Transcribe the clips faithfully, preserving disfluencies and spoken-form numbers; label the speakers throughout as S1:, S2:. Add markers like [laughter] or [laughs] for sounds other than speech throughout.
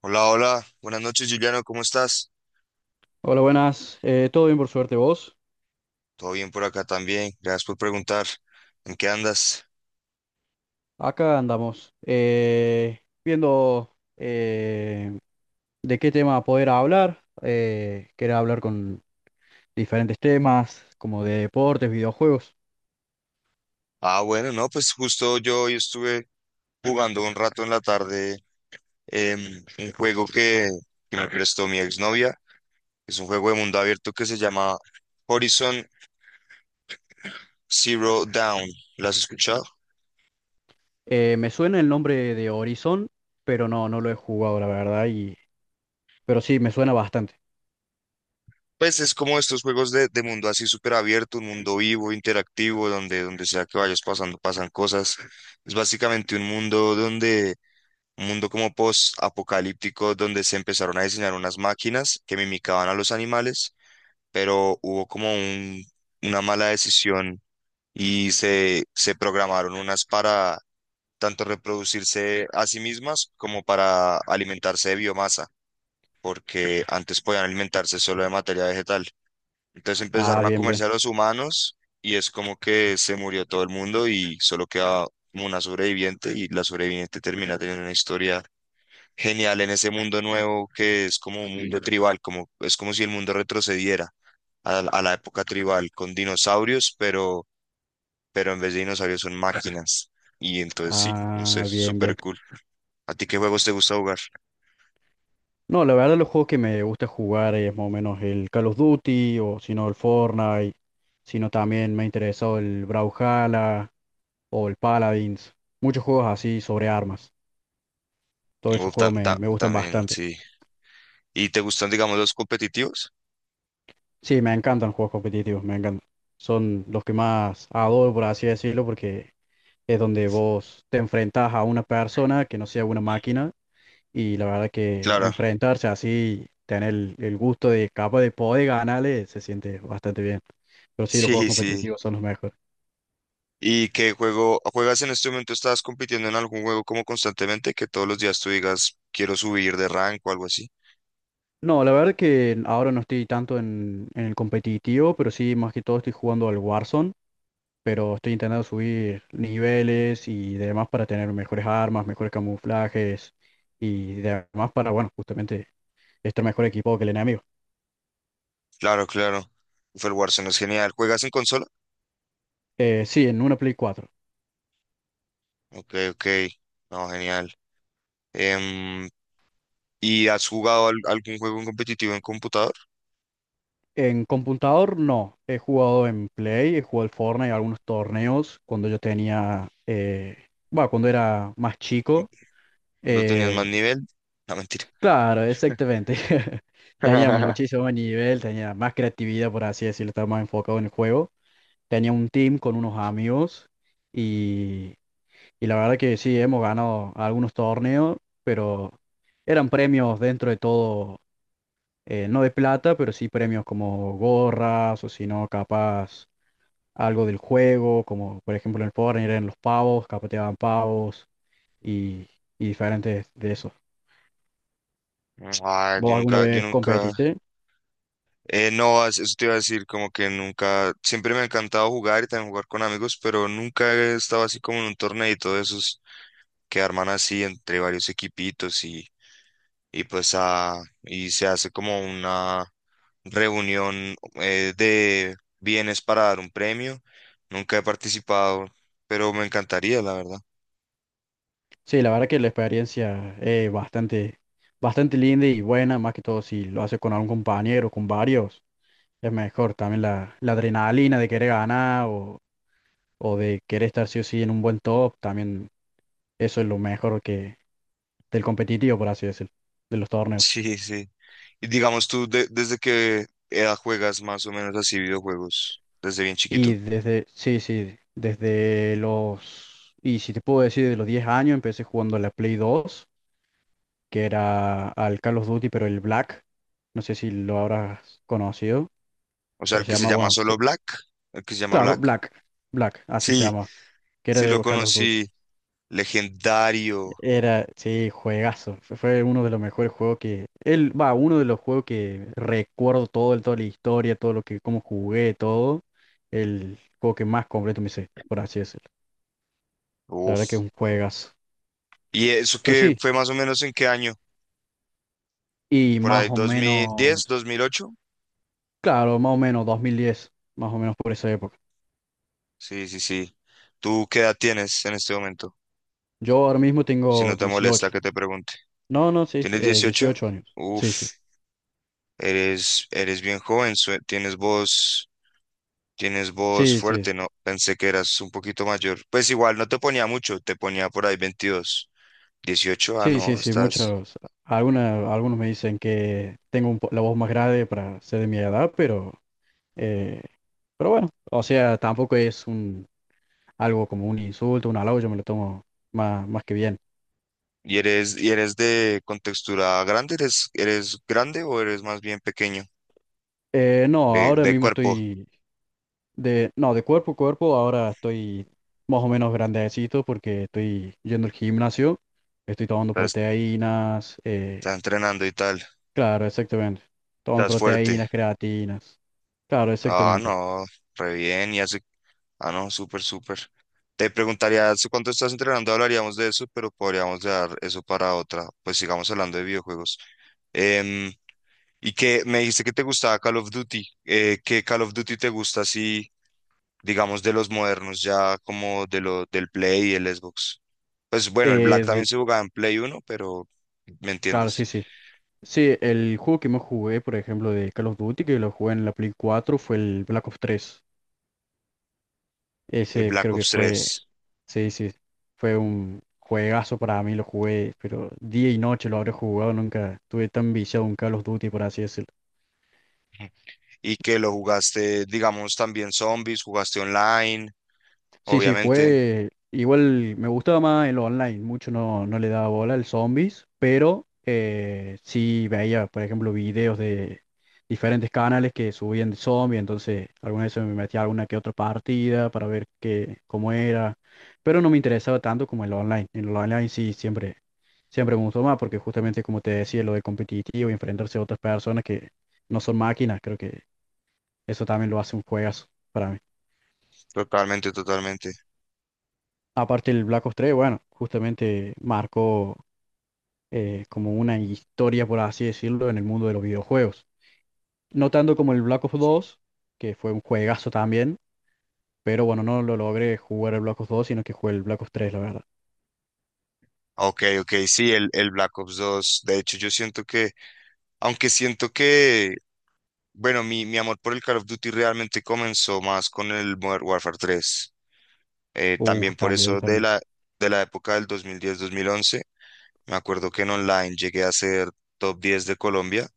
S1: Hola, hola, buenas noches Juliano, ¿cómo estás?
S2: Hola, buenas. Eh, ¿todo bien por suerte vos?
S1: Todo bien por acá también, gracias por preguntar. ¿En qué andas?
S2: Acá andamos eh, viendo eh, de qué tema poder hablar. Eh, quería hablar con diferentes temas, como de deportes, videojuegos.
S1: Ah, bueno, no, pues justo yo hoy estuve jugando un rato en la tarde, em, un juego que, que me prestó mi exnovia, es un juego de mundo abierto que se llama Horizon Zero Dawn. ¿Lo has escuchado?
S2: Eh, me suena el nombre de Horizon, pero no, no lo he jugado, la verdad. Y, pero sí, me suena bastante.
S1: Pues es como estos juegos de, de mundo así súper abierto, un mundo vivo, interactivo, donde, donde sea que vayas pasando, pasan cosas. Es básicamente un mundo donde Un mundo como post-apocalíptico donde se empezaron a diseñar unas máquinas que mimicaban a los animales, pero hubo como un- una mala decisión y se, se programaron unas para tanto reproducirse a sí mismas como para alimentarse de biomasa, porque antes podían alimentarse solo de materia vegetal. Entonces
S2: Ah,
S1: empezaron a
S2: bien, bien.
S1: comerse a los humanos y es como que se murió todo el mundo y solo queda como una sobreviviente, y la sobreviviente termina teniendo una historia genial en ese mundo nuevo, que es como un mundo tribal, como es como si el mundo retrocediera a, la a la época tribal con dinosaurios, pero, pero en vez de dinosaurios son máquinas. Y entonces sí, no sé,
S2: Ah, bien, bien.
S1: súper cool. ¿A ti qué juegos te gusta jugar?
S2: No, la verdad los juegos que me gusta jugar es más o menos el Call of Duty o si no el Fortnite, sino también me ha interesado el Brawlhalla o el Paladins, muchos juegos así sobre armas. Todos
S1: Oh,
S2: esos
S1: ta-
S2: juegos me,
S1: ta-
S2: me gustan
S1: también,
S2: bastante.
S1: sí. ¿Y te gustan, digamos, los competitivos?
S2: Sí, me encantan los juegos competitivos, me encantan. Son los que más adoro, por así decirlo, porque es donde vos te enfrentás a una persona que no sea una máquina. Y la verdad que
S1: Claro,
S2: enfrentarse así, tener el, el gusto de capaz de poder ganarle, se siente bastante bien. Pero sí, los juegos
S1: sí, sí.
S2: competitivos son los mejores.
S1: ¿Y qué juego juegas en este momento? ¿Estás compitiendo en algún juego como constantemente que todos los días tú digas, quiero subir de rank o algo así?
S2: No, la verdad que ahora no estoy tanto en, en el competitivo, pero sí, más que todo estoy jugando al Warzone, pero estoy intentando subir niveles y demás para tener mejores armas, mejores camuflajes y demás para, bueno, justamente estar mejor equipado que el enemigo.
S1: Claro, claro. Uf, el Warzone es genial. ¿Juegas en consola?
S2: Eh, sí, en una Play cuatro.
S1: Ok, ok. No, genial. Em, ¿Y has jugado al- algún juego en competitivo en computador?
S2: En computador no, he jugado en Play, he jugado al Fortnite, algunos torneos cuando yo tenía, eh, bueno, cuando era más chico.
S1: ¿Cuando tenías más
S2: Eh,
S1: nivel? No, mentira.
S2: claro, exactamente. [laughs] Tenía
S1: [laughs]
S2: muchísimo nivel, tenía más creatividad, por así decirlo, estaba más enfocado en el juego. Tenía un team con unos amigos y, y la verdad que sí, hemos ganado algunos torneos, pero eran premios dentro de todo, eh, no de plata, pero sí premios como gorras o si no, capaz algo del juego, como por ejemplo en el Power Rangers, en los pavos, capaz te daban pavos y, y diferentes de esos.
S1: Ah, yo
S2: ¿Vos alguna
S1: nunca, yo
S2: vez
S1: nunca,
S2: competiste?
S1: eh, no, es- eso te iba a decir, como que nunca, siempre me ha encantado jugar y también jugar con amigos, pero nunca he estado así como en un torneito de esos que arman así entre varios equipitos y, y pues, ah, y se hace como una reunión, eh, de bienes para dar un premio. Nunca he participado, pero me encantaría, la verdad. [laughs]
S2: Sí, la verdad que la experiencia es bastante, bastante linda y buena, más que todo si lo haces con algún compañero, con varios, es mejor. También la, la adrenalina de querer ganar o, o de querer estar sí o sí en un buen top, también. Eso es lo mejor que del competitivo, por así decirlo, de los torneos.
S1: Sí, sí. Y digamos tú, de- ¿desde qué edad juegas más o menos así videojuegos? ¿Desde bien chiquito?
S2: Y desde, sí, sí, desde los, y si te puedo decir, de los diez años empecé jugando a la Play dos, que era al Call of Duty, pero el Black, no sé si lo habrás conocido,
S1: O sea,
S2: pero
S1: el
S2: se
S1: que se
S2: llama,
S1: llama
S2: bueno, sí,
S1: solo Black, el que se llama
S2: claro,
S1: Black.
S2: Black, Black, así se
S1: Sí,
S2: llama, que era
S1: sí lo
S2: de Call of Duty.
S1: conocí. Legendario.
S2: Era, sí, juegazo. Fue fue uno de los mejores juegos que. Él, va, uno de los juegos que recuerdo todo, el- toda la historia, todo lo que, cómo jugué, todo. El juego que más completo me hice, por así decirlo. La verdad que es
S1: Uf.
S2: un juegazo.
S1: ¿Y eso
S2: Pero
S1: qué
S2: sí,
S1: fue más o menos en qué año?
S2: y
S1: ¿Por
S2: más
S1: ahí
S2: o
S1: dos dos mil diez,
S2: menos.
S1: dos mil ocho?
S2: Claro, más o menos dos mil diez, más o menos por esa época.
S1: Sí, sí, sí. ¿Tú qué edad tienes en este momento?
S2: Yo ahora mismo
S1: Si no
S2: tengo
S1: te molesta
S2: dieciocho.
S1: que te pregunte.
S2: No, no, sí,
S1: ¿Tienes
S2: eh,
S1: dieciocho?
S2: dieciocho años. Sí, sí.
S1: Uf, eres, eres bien joven, sue- tienes voz, tienes voz
S2: Sí, sí.
S1: fuerte, ¿no? Pensé que eras un poquito mayor. Pues igual, no te ponía mucho, te ponía por ahí veintidós. dieciocho, ah,
S2: Sí, sí,
S1: no,
S2: sí,
S1: estás.
S2: muchos, alguna- algunos me dicen que tengo un po- la voz más grave para ser de mi edad, pero, eh, pero bueno, o sea, tampoco es un, algo como un insulto, un halago, yo me lo tomo más, más que bien.
S1: ¿Y eres, y eres de contextura grande? ¿Eres, eres grande o eres más bien pequeño?
S2: Eh, no,
S1: De,
S2: ahora
S1: de
S2: mismo
S1: cuerpo,
S2: estoy de, no, de cuerpo a cuerpo, ahora estoy más o menos grandecito porque estoy yendo al gimnasio, estoy tomando
S1: estás,
S2: proteínas, eh,
S1: estás entrenando y tal,
S2: claro, exactamente, tomando
S1: estás fuerte.
S2: proteínas, creatinas, claro,
S1: Ah,
S2: exactamente.
S1: no, re bien. ¿Y hace Ah, no, súper, súper. Te preguntaría, ¿hace cuánto estás entrenando? Hablaríamos de eso, pero podríamos dejar eso para otra. Pues sigamos hablando de videojuegos. Em, y que me dijiste que te gustaba Call of Duty. Eh, ¿qué Call of Duty te gusta así, digamos, de los modernos, ya como de lo, del Play y el Xbox? Pues bueno, el Black
S2: Eh,
S1: también
S2: de-
S1: se jugaba en Play uno, pero me
S2: claro, sí,
S1: entiendes.
S2: sí. Sí, el juego que más jugué, por ejemplo, de Call of Duty, que lo jugué en la Play cuatro fue el Black Ops tres.
S1: El
S2: Ese
S1: Black
S2: creo que
S1: Ops tres.
S2: fue, sí, sí, fue un juegazo para mí, lo jugué, pero día y noche lo habré jugado, nunca estuve tan viciado en Call of Duty, por así decirlo.
S1: Y que lo jugaste, digamos, también zombies, jugaste online,
S2: Sí, sí,
S1: obviamente.
S2: jugué. Igual me gustaba más el online, mucho no, no le daba bola al zombies, pero eh, sí veía, por ejemplo, videos de diferentes canales que subían de zombies, entonces alguna vez me metía a alguna que otra partida para ver qué, cómo era, pero no me interesaba tanto como el online. En el online sí siempre, siempre me gustó más, porque justamente como te decía, lo de competitivo y enfrentarse a otras personas que no son máquinas, creo que eso también lo hace un juegazo para mí.
S1: Totalmente, totalmente.
S2: Aparte el Black Ops tres, bueno, justamente marcó eh, como una historia, por así decirlo, en el mundo de los videojuegos. No tanto como el Black Ops dos, que fue un juegazo también, pero bueno, no lo logré jugar el Black Ops dos, sino que jugué el Black Ops tres, la verdad.
S1: Ok, ok, sí, el, el Black Ops dos. De hecho, yo siento que, aunque siento que, bueno, mi, mi amor por el Call of Duty realmente comenzó más con el Modern Warfare tres. Eh,
S2: Uh,
S1: también por
S2: también,
S1: eso de
S2: también.
S1: la, de la época del dos dos mil diez, mil once. Me acuerdo que en online llegué a ser top diez de Colombia.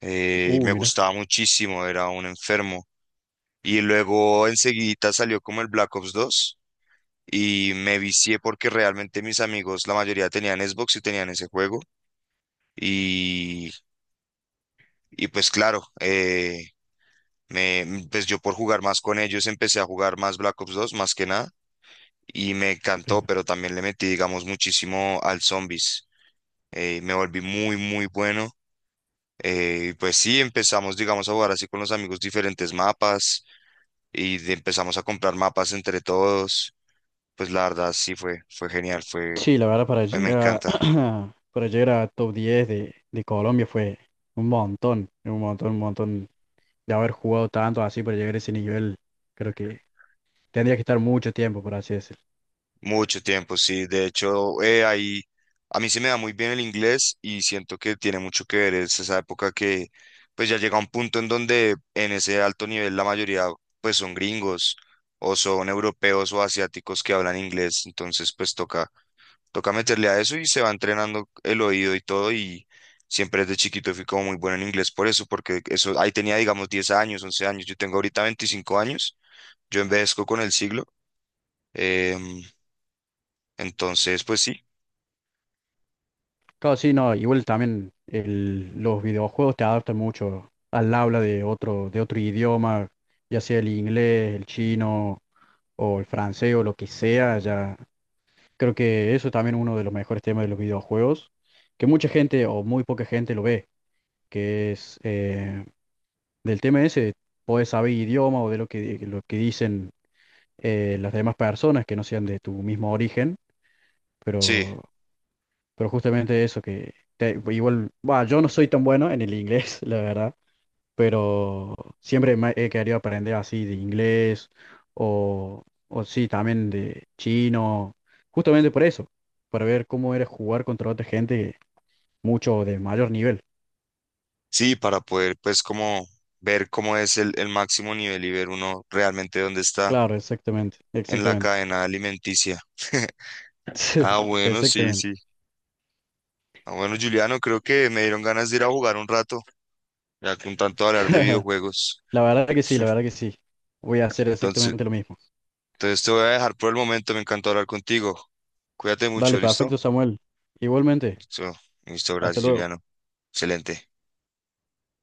S1: Eh,
S2: Uh,
S1: me
S2: mira.
S1: gustaba muchísimo, era un enfermo. Y luego enseguida salió como el Black Ops dos y me vicié porque realmente mis amigos, la mayoría tenían Xbox y tenían ese juego. Y Y pues claro, eh, me, mm, pues yo por jugar más con ellos empecé a jugar más Black Ops dos más que nada y me encantó,
S2: eh,
S1: pero también le metí, digamos, muchísimo al Zombies. Eh, me volví muy, muy bueno. Eh, y pues sí, empezamos, digamos, a jugar así con los amigos diferentes mapas y de- empezamos a comprar mapas entre todos. Pues la verdad sí fue, fue genial, fue,
S2: Sí, la verdad, para
S1: me
S2: llegar,
S1: encanta.
S2: [clears throat] para llegar a top diez de, de Colombia, fue un montón, un montón, un montón de haber jugado tanto así para llegar a ese nivel. Creo que tendría que estar mucho tiempo, por así decirlo.
S1: Mucho tiempo, sí. De hecho, eh, ahí a mí se me da muy bien el inglés y siento que tiene mucho que ver. Es esa época que pues ya llega un punto en donde en ese alto nivel la mayoría pues son gringos o son europeos o asiáticos que hablan inglés. Entonces pues toca, toca meterle a eso y se va entrenando el oído y todo, y siempre desde chiquito fui como muy bueno en inglés por eso, porque eso ahí tenía digamos diez años, once años. Yo tengo ahorita veinticinco años. Yo envejezco con el siglo. em, entonces, pues sí,
S2: Claro, sí, no, igual también el- los videojuegos te adaptan mucho al habla de otro, de otro idioma, ya sea el inglés, el chino o el francés o lo que sea, ya creo que eso también es uno de los mejores temas de los videojuegos, que mucha gente o muy poca gente lo ve, que es, eh, del tema ese, podés saber idioma o de lo que, lo que, dicen eh, las demás personas que no sean de tu mismo origen,
S1: sí,
S2: pero. Pero justamente eso que te- igual, bah, yo no soy tan bueno en el inglés, [laughs] la verdad, pero siempre me he querido aprender así de inglés o, o sí, también de chino, justamente por eso, para ver cómo era jugar contra otra gente mucho de mayor nivel.
S1: sí, para poder pues como ver cómo es el, el máximo nivel y ver uno realmente dónde está
S2: Claro, exactamente,
S1: en la
S2: exactamente.
S1: cadena alimenticia. [laughs] Ah,
S2: [laughs]
S1: bueno, sí,
S2: Exactamente.
S1: sí. Ah, bueno, Juliano, creo que me dieron ganas de ir a jugar un rato, ya con tanto hablar de
S2: [laughs]
S1: videojuegos.
S2: La verdad que sí, la verdad que sí. Voy a hacer
S1: Entonces,
S2: exactamente lo mismo.
S1: entonces te voy a dejar por el momento, me encantó hablar contigo. Cuídate mucho,
S2: Dale,
S1: ¿listo?
S2: perfecto, Samuel. Igualmente,
S1: Listo, listo,
S2: hasta
S1: gracias,
S2: luego.
S1: Juliano. Excelente.